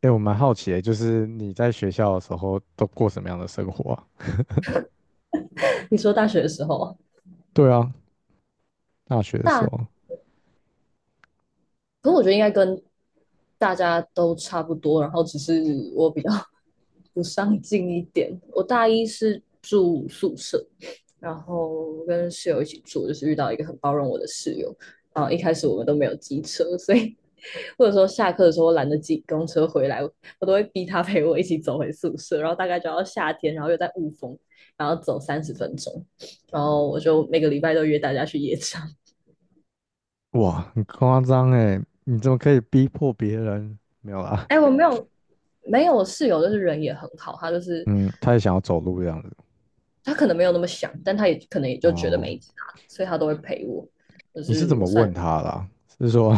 哎，我蛮好奇的，就是你在学校的时候都过什么样的生活啊？你说大学的时候，对啊，大学的时大，候，可是我觉得应该跟大家都差不多，然后只是我比较 不上进一点。我大一是住宿舍，然后跟室友一起住，就是遇到一个很包容我的室友。然后一开始我们都没有机车，所以或者说下课的时候我懒得挤公车回来，我都会逼他陪我一起走回宿舍。然后大概就要夏天，然后又在雾峰，然后走30分钟。然后我就每个礼拜都约大家去夜场。哇，很夸张哎，你怎么可以逼迫别人？没有啦，哎，我没有没有，我室友就是人也很好，他就是嗯，他也想要走路这样子。他可能没有那么想，但他也可能也就觉得哦，没差，所以他都会陪我。就你是是怎么我算问他啦？是说，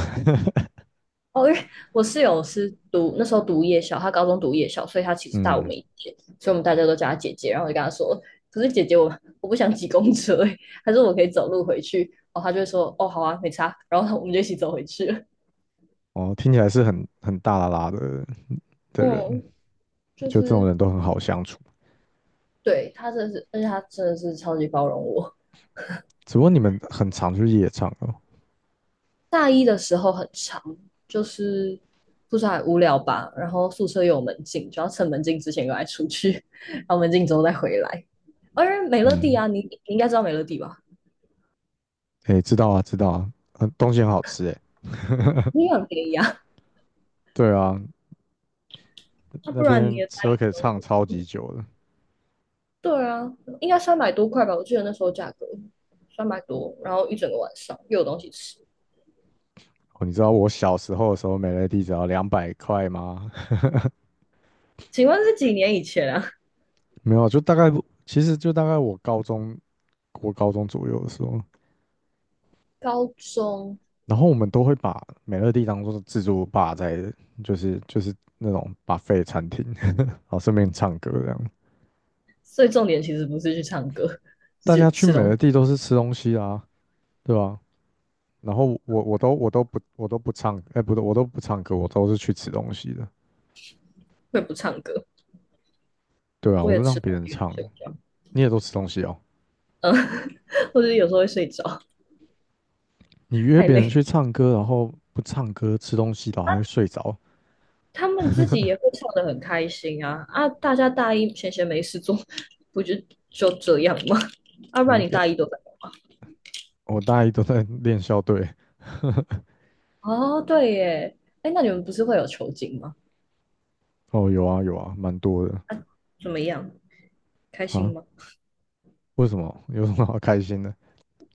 哦，因为我室友是读那时候读夜校，他高中读夜校，所以他其 实大我嗯，们一届，所以我们大家都叫他姐姐。然后我就跟他说，可是姐姐我不想挤公车、他说我可以走路回去。哦，他就会说哦好啊，没差。然后我们就一起走回去了。哦，听起来是很大啦啦的人，嗯，就就这种是人都很好相处。对他真的是，而且他真的是超级包容我。只不过你们很常去夜场哦。大一的时候很长，就是不知道无聊吧，然后宿舍又有门禁，就要趁门禁之前赶快出去，然后门禁之后再回来。而美乐蒂嗯，啊，你应该知道美乐蒂吧？哎，知道啊，知道啊，很东西很好吃哎。你也很便宜啊，对啊，那那不然你边也大吃一都可以唱个。超级久的。对啊，应该300多块吧？我记得那时候价格三百多，然后一整个晚上又有东西吃。哦，你知道我小时候的时候，美乐蒂只要200块吗？请问是几年以前啊？没有啊，就大概，其实就大概我高中左右的时候，高中，然后我们都会把美乐蒂当做自助吧在，就是那种 buffet 餐厅，然后顺便唱歌这样。所以重点其实不是去唱歌，是大家去去吃美东乐西。蒂都是吃东西啊，对吧？然后我都不唱，哎、不对，我都不唱歌，我都是去吃东西的。会不唱歌，对啊，我我也都吃让别东人西跟唱，睡觉。你也都吃东西哦。嗯，或者有时候会睡着，你约太别人累。去唱歌，然后不唱歌吃东西，然后还会睡着，他们自己也会唱得很开心啊啊！大家大一闲闲没事做，不就这样吗？啊，不你然一你个，大一都在我大一都在练校队。哦，对耶，哎，那你们不是会有酬金吗？哦，有啊有啊，蛮多的怎么样？开心啊。吗？为什么？有什么好开心的？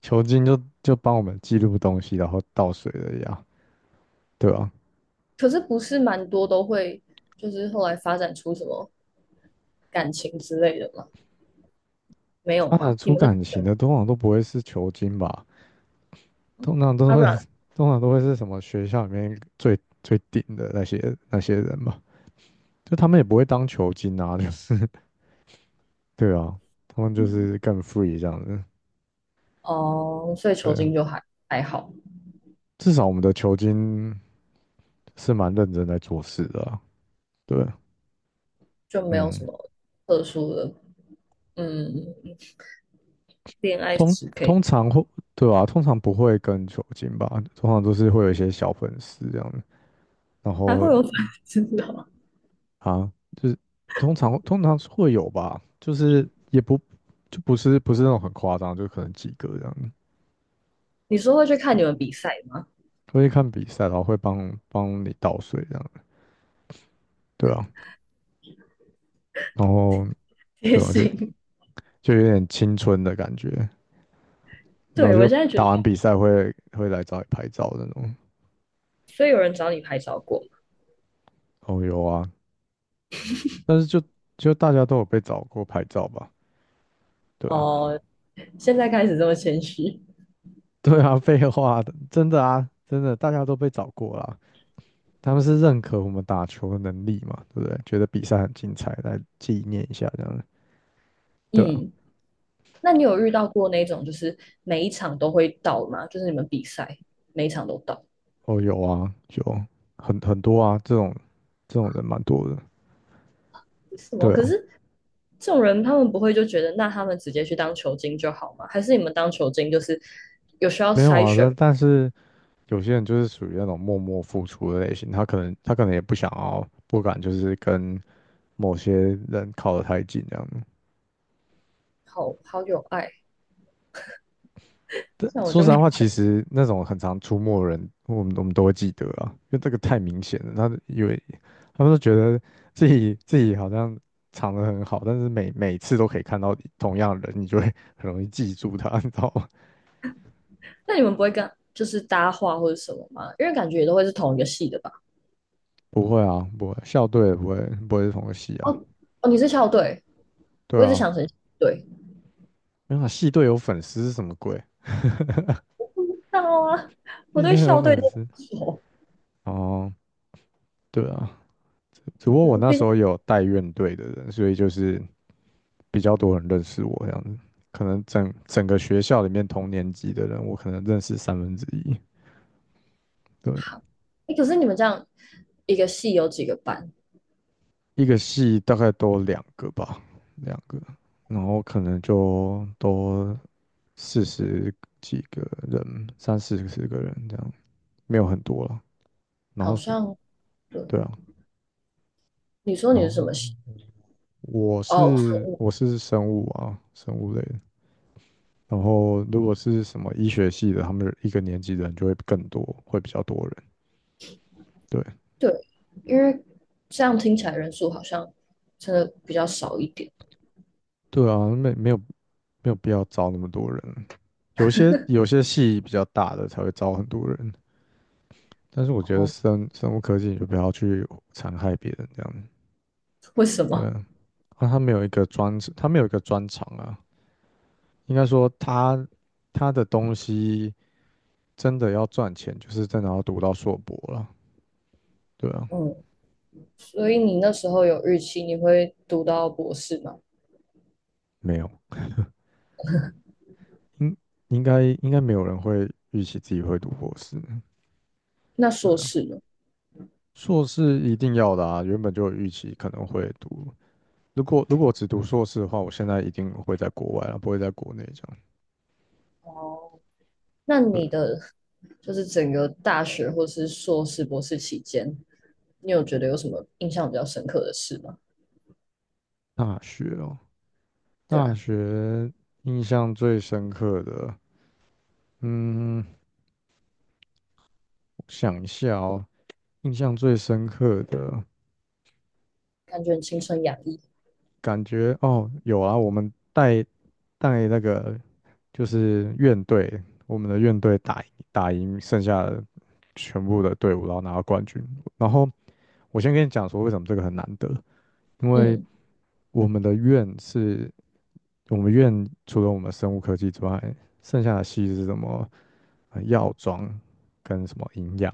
球经就帮我们记录东西，然后倒水的呀，对啊。可是不是蛮多都会，就是后来发展出什么感情之类的吗？没有发展吗？你出们的，感情的通常都不会是球经吧？通常都啊，不会，然通常都会是什么学校里面最顶的那些人吧？就他们也不会当球经啊，就是 对啊，他们就是更 free 这样子。哦，所以酬对，金就还还好，至少我们的球经是蛮认真在做事的啊对，就没有什嗯。么特殊的，嗯，恋爱通史可以。通常会，对吧、通常不会跟酒精吧，通常都是会有一些小粉丝这样，然 还后会有粉丝哦。啊，就是通常是会有吧，就是也不就不是那种很夸张，就可能几个这样，你说会去看对你们啊，比赛吗？会看比赛，然后会帮帮你倒水这样，对啊，然后 也对啊，就行。就有点青春的感觉，然后对，我就现在觉得，打完比赛会来找你拍照那种，所以有人找你拍照过吗？哦有啊，但是就大家都有被找过拍照吧。对啊。哦，现在开始这么谦虚。对啊，废话的，真的啊，真的，大家都被找过啦。他们是认可我们打球的能力嘛，对不对？觉得比赛很精彩，来纪念一下这样的。对啊，嗯，那你有遇到过那种就是每一场都会到吗？就是你们比赛每一场都到？哦，有啊，有很多啊，这种人蛮多的。为什么？对可啊，是这种人他们不会就觉得，那他们直接去当球精就好吗？还是你们当球精就是有需要没有筛啊，选？但是有些人就是属于那种默默付出的类型，他可能也不想要，不敢就是跟某些人靠得太近这样。好好有爱，但像我说就实没。在话，其实那种很常出没的人，我们都会记得啊，因为这个太明显了。他因以为他们都觉得自己好像藏得很好，但是每次都可以看到同样的人，你就会很容易记住他，你知道吗？那你们不会跟就是搭话或者什么吗？因为感觉也都会是同一个系的吧？不会啊，不会，校队也不会是同个系啊，哦哦，你是校队，对我一直啊，想成校队 没有啊，系队有粉丝是什么鬼？知道啊，我系对队有校队粉都不丝熟，哦，对啊，只不过我嗯那毕时竟候有带院队的人，所以就是。比较多人认识我这样子，可能整个学校里面同年级的人，我可能认识1/3。对，好，哎，可是你们这样一个系有几个班？一个系大概多两个吧，两个，然后可能就多40几个人，三四十个人这样，没有很多了。然好后是，像对，对啊，你说然你是后什么系？我哦，生是物我是生物啊，生物类的。然后如果是什么医学系的，他们一个年级的人就会更多，会比较多人。对，对，因为这样听起来人数好像真的比较少一点。对啊，没有必要招那么多人。有些系比较大的才会招很多人，但是我觉得哦，生物科技你就不要去残害别人这样子。为什对么？啊，啊他没有一个专长啊。应该说他的东西真的要赚钱，就是真的要读到硕博了。对啊，嗯，所以你那时候有预期你会读到博士吗？没有，应应该没有人会预期自己会读博士。那对硕啊，士呢？硕士一定要的啊，原本就有预期可能会读。如果我只读硕士的话，我现在一定会在国外了，不会在国内这样。哦，那对，你的就是整个大学或是硕士、博士期间，你有觉得有什么印象比较深刻的事吗？大学哦，对大啊，学印象最深刻的，嗯，我想一下哦，印象最深刻的感觉很青春洋溢。感觉哦，有啊，我们带那个就是院队，我们的院队打赢剩下的全部的队伍，然后拿到冠军。然后我先跟你讲说为什么这个很难得，因为嗯我们的院是，我们院除了我们生物科技之外，剩下的系是什么？药妆跟什么营养？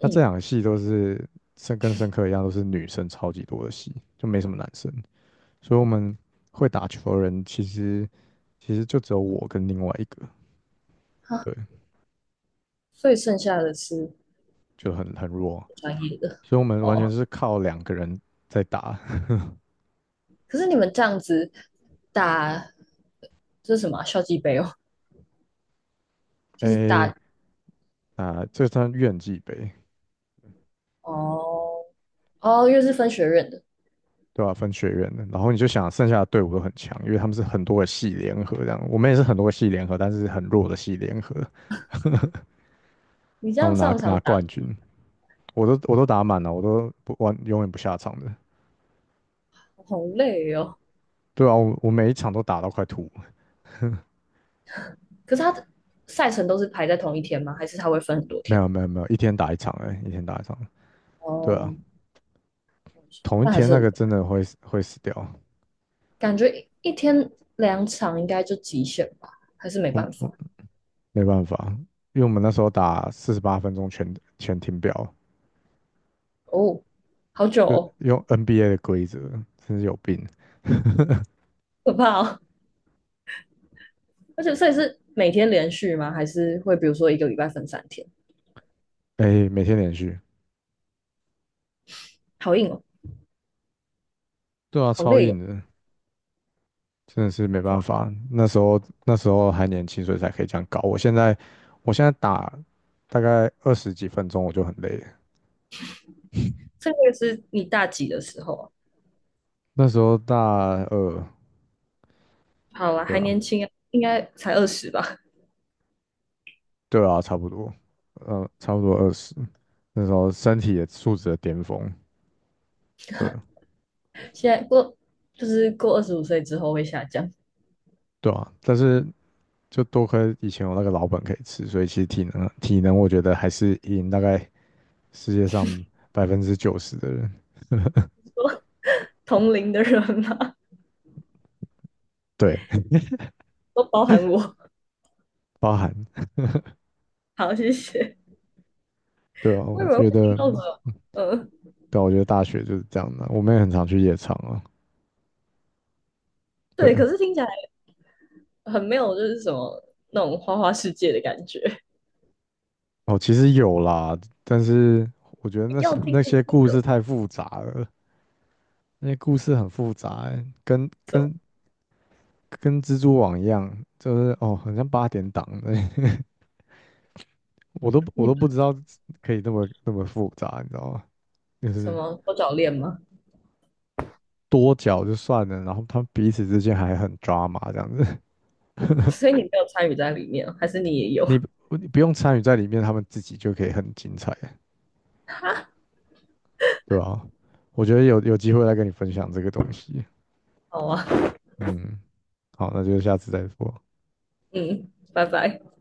那这两个系都是生跟生科一样，都是女生超级多的系，就没什么男生。所以我们会打球的人，其实就只有我跟另外一个，好，对，所以剩下的是就很弱。专业的所以我们完全哦。是靠两个人在打。可是你们这样子打这是什么啊校际杯哦，就是诶、打啊、这算院际杯，哦哦，因为是分学院的，对吧、分学院的，然后你就想剩下的队伍都很强，因为他们是很多个系联合这样，我们也是很多个系联合，但是很弱的系联合，你这那我样们拿上场拿打得冠几军，我都打满了，我都不完永远不下场的，好累哦。对啊，我每一场都打到快吐，可是他的赛程都是排在同一天吗？还是他会分很多没天？有没有没有，一天打一场，对啊，哦，同一但还天是那很个真的会死掉，感觉一天两场应该就极限吧，还是没我办法我没办法，因为我们那时候打48分钟全停表，哦，好久就哦，用 NBA 的规则，真是有病，可怕哦！而且所以是每天连续吗？还是会比如说一个礼拜分三天？哎、每天连续。好硬哦，对啊，好超累哦，硬的，真的是没办哇！法。那时候还年轻，所以才可以这样搞。我现在打大概20几分钟我就很累了。这个是你大几的时候啊？那时候大二，好啦，对还啊，年轻啊，应该才二十吧。对啊，差不多，差不多二十。那时候身体也素质的巅峰，对现在过就是过25岁之后会下降，对啊。但是就多亏以前有那个老本可以吃，所以其实体能我觉得还是赢大概世界上90%的人，同龄的人嘛，对，都包含我。包含好，谢谢。对啊，我以我为会觉听得。到什么，嗯，对啊我觉得大学就是这样的啊，我们也很常去夜场啊。对，对，可是听起来很没有就是什么那种花花世界的感觉。哦，其实有啦，但是我觉得 那要些听那的些那故事个，太复杂了，那些故事很复杂欸，跟蜘蛛网一样，就是哦，很像八点档的，我都不你知道可以那么复杂，你知道吗？就什是么多角恋吗？多角就算了，然后他们彼此之间还很抓马这样子，所以 你没有参与在里面，还是你也有？你不你不用参与在里面，他们自己就可以很精彩。对吧？我觉得有机会来跟你分享这个东西。好啊，嗯，好，那就下次再说。嗯，拜拜。